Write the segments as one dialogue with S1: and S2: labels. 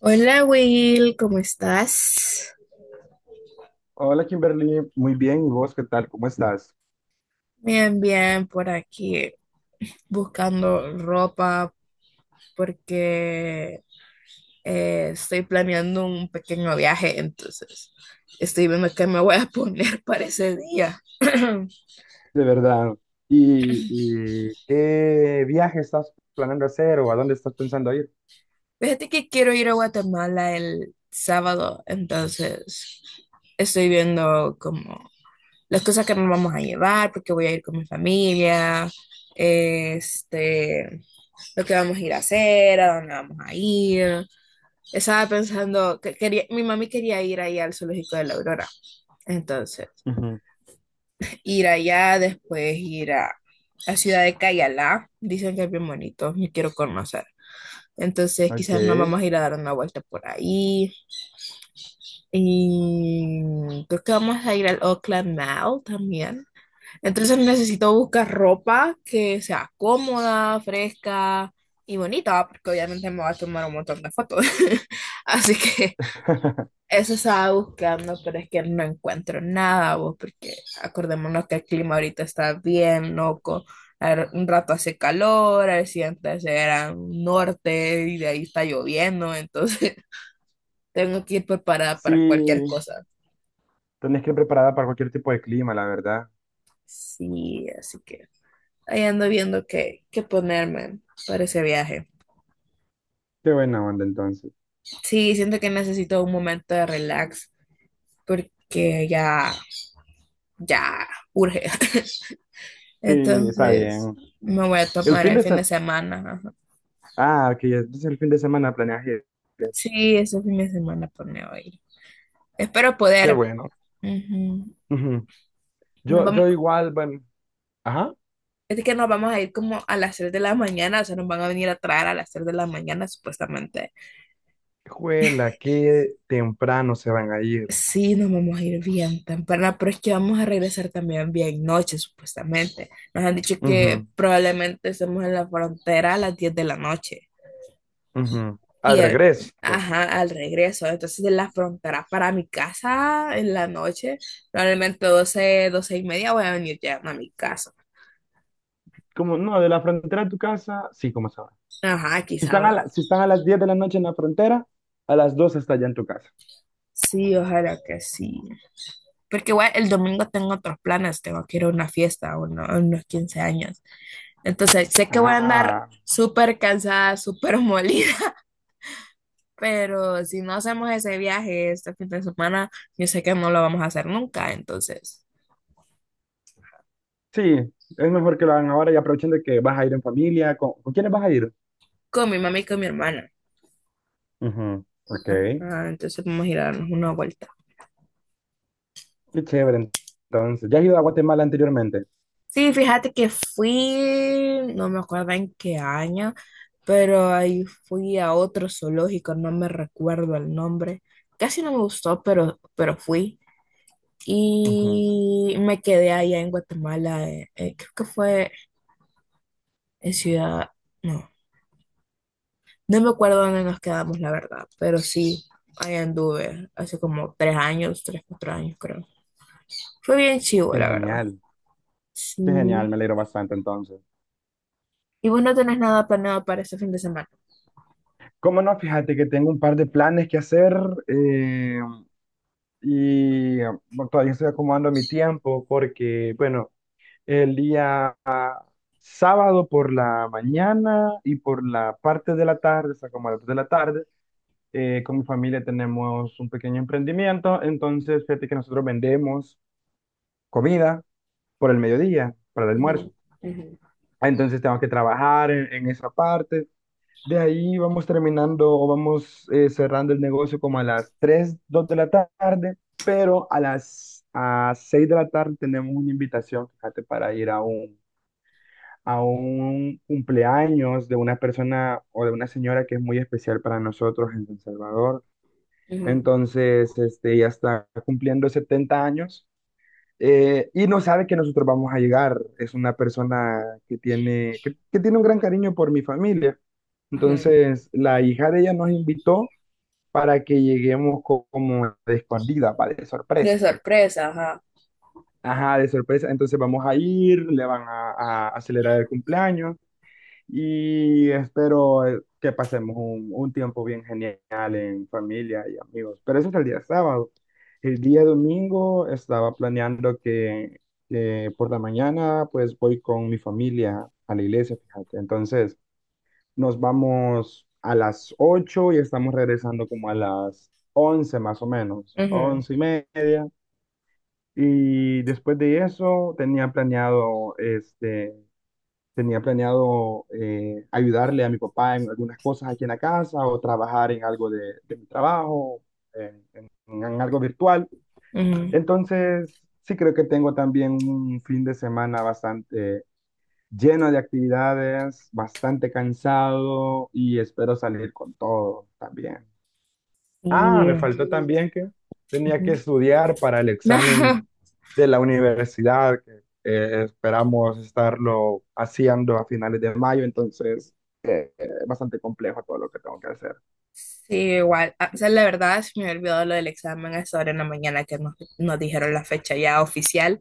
S1: Hola Will, ¿cómo estás?
S2: Hola Kimberly, muy bien. ¿Y vos qué tal? ¿Cómo estás?
S1: Bien, bien, por aquí buscando ropa porque estoy planeando un pequeño viaje, entonces estoy viendo qué me voy a poner para ese día.
S2: De verdad. ¿Y qué viaje estás planeando hacer o a dónde estás pensando ir?
S1: Fíjate que quiero ir a Guatemala el sábado, entonces estoy viendo como las cosas que nos vamos a llevar, porque voy a ir con mi familia, este, lo que vamos a ir a hacer, a dónde vamos a ir. Estaba pensando que quería, mi mami quería ir ahí al zoológico de la Aurora. Entonces,
S2: Ujú.
S1: ir allá, después ir a la ciudad de Cayalá. Dicen que es bien bonito, me quiero conocer. Entonces,
S2: Ok.
S1: quizás nos vamos a ir a dar una vuelta por ahí. Y creo que vamos a ir al Oakland Mall también. Entonces necesito buscar ropa que sea cómoda, fresca y bonita, porque obviamente me va a tomar un montón de fotos. Así que eso estaba buscando, pero es que no encuentro nada, vos, porque acordémonos que el clima ahorita está bien loco. A ver, un rato hace calor, al siguiente se era un norte y de ahí está lloviendo, entonces tengo que ir preparada para cualquier
S2: Sí,
S1: cosa.
S2: tenés que ir preparada para cualquier tipo de clima, la verdad.
S1: Sí, así que ahí ando viendo qué ponerme para ese viaje.
S2: Qué buena onda entonces.
S1: Sí, siento que necesito un momento de relax porque ya urge.
S2: Sí, está
S1: Entonces,
S2: bien.
S1: me voy a
S2: El
S1: tomar
S2: fin
S1: el
S2: de
S1: fin de
S2: semana.
S1: semana. Ajá.
S2: Ah, ok. Entonces el fin de semana planeas ir.
S1: Sí, ese fin de semana pues me voy a ir. Espero
S2: Qué
S1: poder.
S2: bueno.
S1: Ujú.
S2: Ujú.
S1: Nos
S2: Yo,
S1: vamos,
S2: yo igual, bueno. Ajá.
S1: es que nos vamos a ir como a las 3 de la mañana, o sea, nos van a venir a traer a las 3 de la mañana supuestamente.
S2: Juela, qué temprano se van a ir.
S1: Sí, nos vamos a ir bien temprano, pero es que vamos a regresar también bien noche supuestamente. Nos han dicho que
S2: Ujú.
S1: probablemente estemos en la frontera a las 10 de la noche.
S2: Ujú.
S1: Y
S2: Al
S1: el,
S2: regreso.
S1: ajá, al regreso, entonces de la frontera para mi casa en la noche, probablemente doce y media voy a venir ya a mi casa.
S2: Como, no, de la frontera a tu casa, sí, como sabes.
S1: Ajá,
S2: Si
S1: quizá
S2: están a
S1: va.
S2: la- si están a las 10 de la noche en la frontera, a las 2 está ya en tu casa.
S1: Sí, ojalá que sí. Porque igual el domingo tengo otros planes, tengo que ir a una fiesta, a unos 15 años. Entonces sé que voy a andar
S2: Ah,
S1: súper cansada, súper molida, pero si no hacemos ese viaje este fin de semana, yo sé que no lo vamos a hacer nunca, entonces,
S2: sí, es mejor que lo hagan ahora y aprovechen de que vas a ir en familia. ¿Con quiénes vas a ir?
S1: con mi mamá y con mi hermana.
S2: Ujú, ok, qué
S1: Ah, entonces vamos a ir a darnos una vuelta.
S2: chévere. Entonces, ¿ya has ido a Guatemala anteriormente?
S1: Sí, fíjate que fui, no me acuerdo en qué año, pero ahí fui a otro zoológico, no me recuerdo el nombre. Casi no me gustó, pero fui.
S2: Ujú.
S1: Y me quedé allá en Guatemala, creo que fue en Ciudad, no, no me acuerdo dónde nos quedamos, la verdad, pero sí, ahí anduve hace como 3 años, tres, 4 años creo. Fue bien chivo,
S2: Qué
S1: la verdad.
S2: genial, qué genial,
S1: Sí.
S2: me alegro bastante entonces.
S1: Y vos no tenés nada planeado para este fin de semana.
S2: ¿Cómo no? Fíjate que tengo un par de planes que hacer, eh, y bueno, todavía estoy acomodando mi tiempo porque, bueno, el día sábado por la mañana y por la parte de la tarde, o sea, como a las 3 de la tarde, con mi familia tenemos un pequeño emprendimiento, entonces fíjate que nosotros vendemos comida por el mediodía, para el
S1: Ujú,
S2: almuerzo.
S1: ujú,
S2: Entonces tengo que trabajar en esa parte. De ahí vamos terminando o vamos cerrando el negocio como a las 3 2 de la tarde, pero a las a 6 de la tarde tenemos una invitación, fíjate, para ir a un cumpleaños de una persona o de una señora que es muy especial para nosotros en El Salvador.
S1: ujú,
S2: Entonces, este, ella está cumpliendo 70 años, y no sabe que nosotros vamos a llegar. Es una persona que tiene un gran cariño por mi familia.
S1: ujú.
S2: Entonces, la hija de ella nos invitó para que lleguemos como de escondida, para de
S1: De
S2: sorpresa.
S1: sorpresa, ajá.
S2: Ajá, de sorpresa. Entonces vamos a ir, le van a acelerar el cumpleaños. Y espero que pasemos un tiempo bien genial en familia y amigos. Pero ese es el día sábado. El día domingo estaba planeando que por la mañana pues voy con mi familia a la iglesia, fíjate. Entonces nos vamos a las 8 y estamos regresando como a las 11 más o menos,
S1: Ujú,
S2: 11:30. Y después de eso tenía planeado ayudarle a mi papá en algunas cosas aquí en la casa o trabajar en algo de mi trabajo, en algo virtual.
S1: ujú.
S2: Entonces, sí creo que tengo también un fin de semana bastante lleno de actividades, bastante cansado y espero salir con todo también. Ah,
S1: Sí,
S2: me faltó también que tenía
S1: ujú.
S2: que estudiar para el examen de la universidad, que esperamos estarlo haciendo a finales de mayo, entonces es bastante complejo todo lo que tengo que hacer.
S1: Sí, igual. Ah, o sea, la verdad, se me había olvidado lo del examen a esa hora en la mañana que nos dijeron la fecha ya oficial.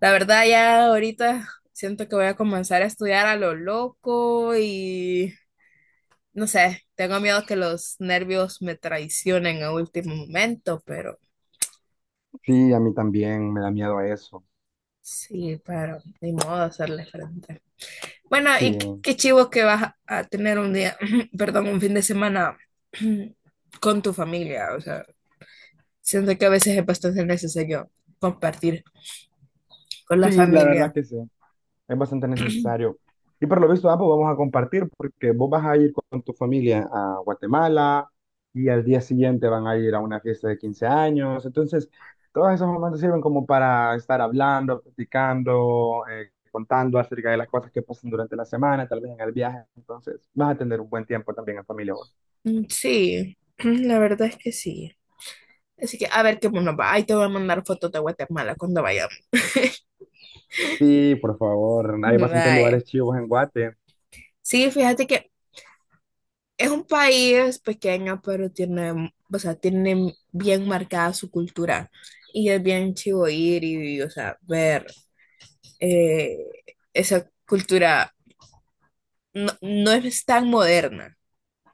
S1: La verdad, ya ahorita siento que voy a comenzar a estudiar a lo loco y no sé, tengo miedo que los nervios me traicionen a último momento, pero
S2: Sí, a mí también me da miedo eso.
S1: sí, pero ni modo hacerle frente. Bueno,
S2: Sí,
S1: y qué chivo que vas a tener un día, perdón, un fin de semana con tu familia. O sea, siento que a veces es bastante necesario compartir con la
S2: sí, la verdad
S1: familia.
S2: que sí. Es bastante necesario. Y por lo visto, ambos vamos a compartir porque vos vas a ir con tu familia a Guatemala y al día siguiente van a ir a una fiesta de 15 años. Entonces, todos esos momentos sirven como para estar hablando, platicando, contando acerca de las cosas que pasan durante la semana, tal vez en el viaje. Entonces, vas a tener un buen tiempo también en familia vos.
S1: Mm, sí, la verdad es que sí. Así que a ver qué nos va. Ahí te voy a mandar fotos de Guatemala cuando vayamos.
S2: Sí, por favor, hay bastantes
S1: Vaya.
S2: lugares chivos en Guate.
S1: Sí, fíjate que es un país pequeño, pero tiene, o sea, tiene bien marcada su cultura. Y es bien chivo ir y, o sea, ver. eh, Esa cultura no, no es tan moderna.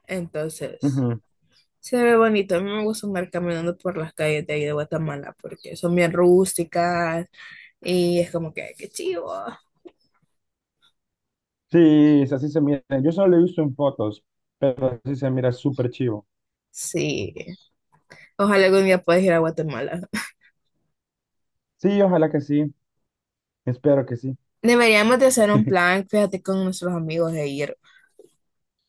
S1: Entonces,
S2: Ujú.
S1: se ve bonito. A mí me gusta andar caminando por las calles de ahí de Guatemala porque son bien rústicas y es como que, qué chivo.
S2: Sí, así se mira. Yo solo lo he visto en fotos, pero así se mira súper chivo.
S1: Sí, ojalá algún día puedas ir a Guatemala.
S2: Sí, ojalá que sí, espero que sí.
S1: Deberíamos de hacer un plan, fíjate, con nuestros amigos de ir.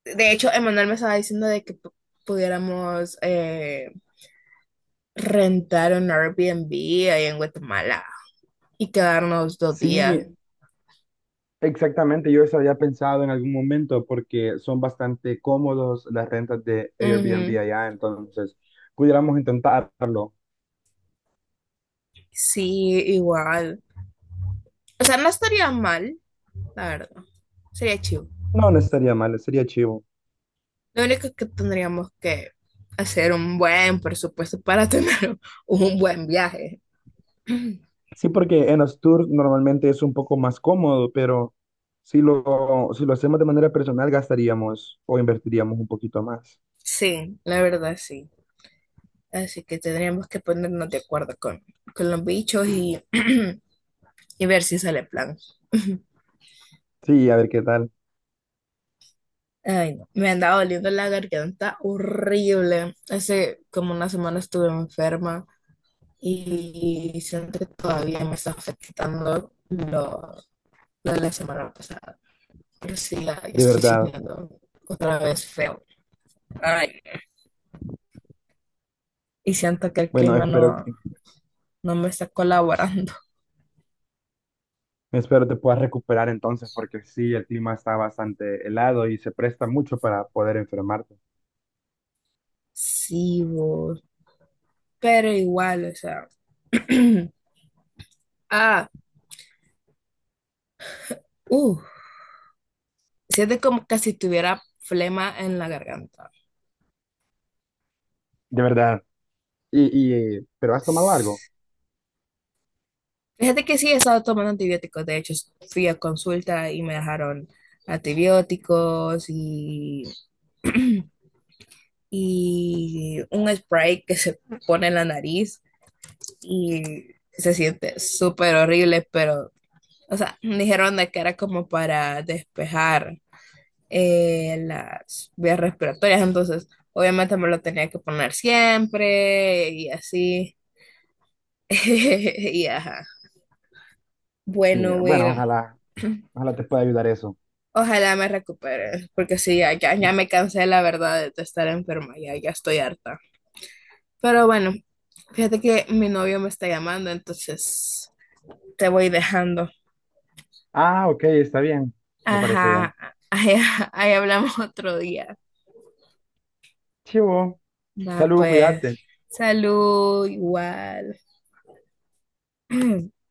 S1: De hecho, Emanuel me estaba diciendo de que pudiéramos rentar un Airbnb ahí en Guatemala y quedarnos 2 días.
S2: Sí, exactamente, yo eso había pensado en algún momento porque son bastante cómodos las rentas de Airbnb
S1: Ujú.
S2: allá, entonces pudiéramos intentarlo.
S1: Sí, igual. O sea, no estaría mal, la verdad. Sería chido.
S2: No, no estaría mal, sería chivo.
S1: Lo único que tendríamos que hacer un buen presupuesto para tener un buen viaje.
S2: Sí, porque en los tours normalmente es un poco más cómodo, pero si lo hacemos de manera personal gastaríamos o invertiríamos un poquito más.
S1: Sí, la verdad sí. Así que tendríamos que ponernos de acuerdo con los bichos y ver si sale plan.
S2: Sí, a ver qué tal,
S1: Ay, no. Me andaba doliendo la garganta horrible. Hace como una semana estuve enferma. Y siento que todavía me está afectando lo de la semana pasada. Pero sí, ya
S2: de
S1: estoy
S2: verdad.
S1: sintiendo otra vez feo. Ay, y siento que el
S2: Bueno,
S1: clima
S2: espero que.
S1: no me está colaborando.
S2: Espero te puedas recuperar entonces, porque sí, el clima está bastante helado y se presta mucho para poder enfermarte.
S1: Sí, vos. Pero igual, o sea. ah, uh, siento como que si tuviera flema en la garganta.
S2: De verdad. Y, y, ¿pero has tomado algo?
S1: Fíjate que sí he estado tomando antibióticos. De hecho, fui a consulta y me dejaron antibióticos y y un spray que se pone en la nariz y se siente súper horrible, pero, o sea, dijeron de que era como para despejar las vías respiratorias, entonces obviamente me lo tenía que poner siempre y así. Y ajá.
S2: Sí,
S1: Bueno,
S2: bueno,
S1: Will,
S2: ojalá, ojalá te pueda ayudar eso.
S1: ojalá me recupere, porque sí, ya me cansé, la verdad, de estar enferma, ya estoy harta. Pero bueno, fíjate que mi novio me está llamando, entonces te voy dejando.
S2: Ah, ok, está bien. Me parece
S1: Ajá,
S2: bien.
S1: ahí, ahí hablamos otro día.
S2: Chivo,
S1: Va,
S2: salud,
S1: pues,
S2: cuídate.
S1: salud, igual.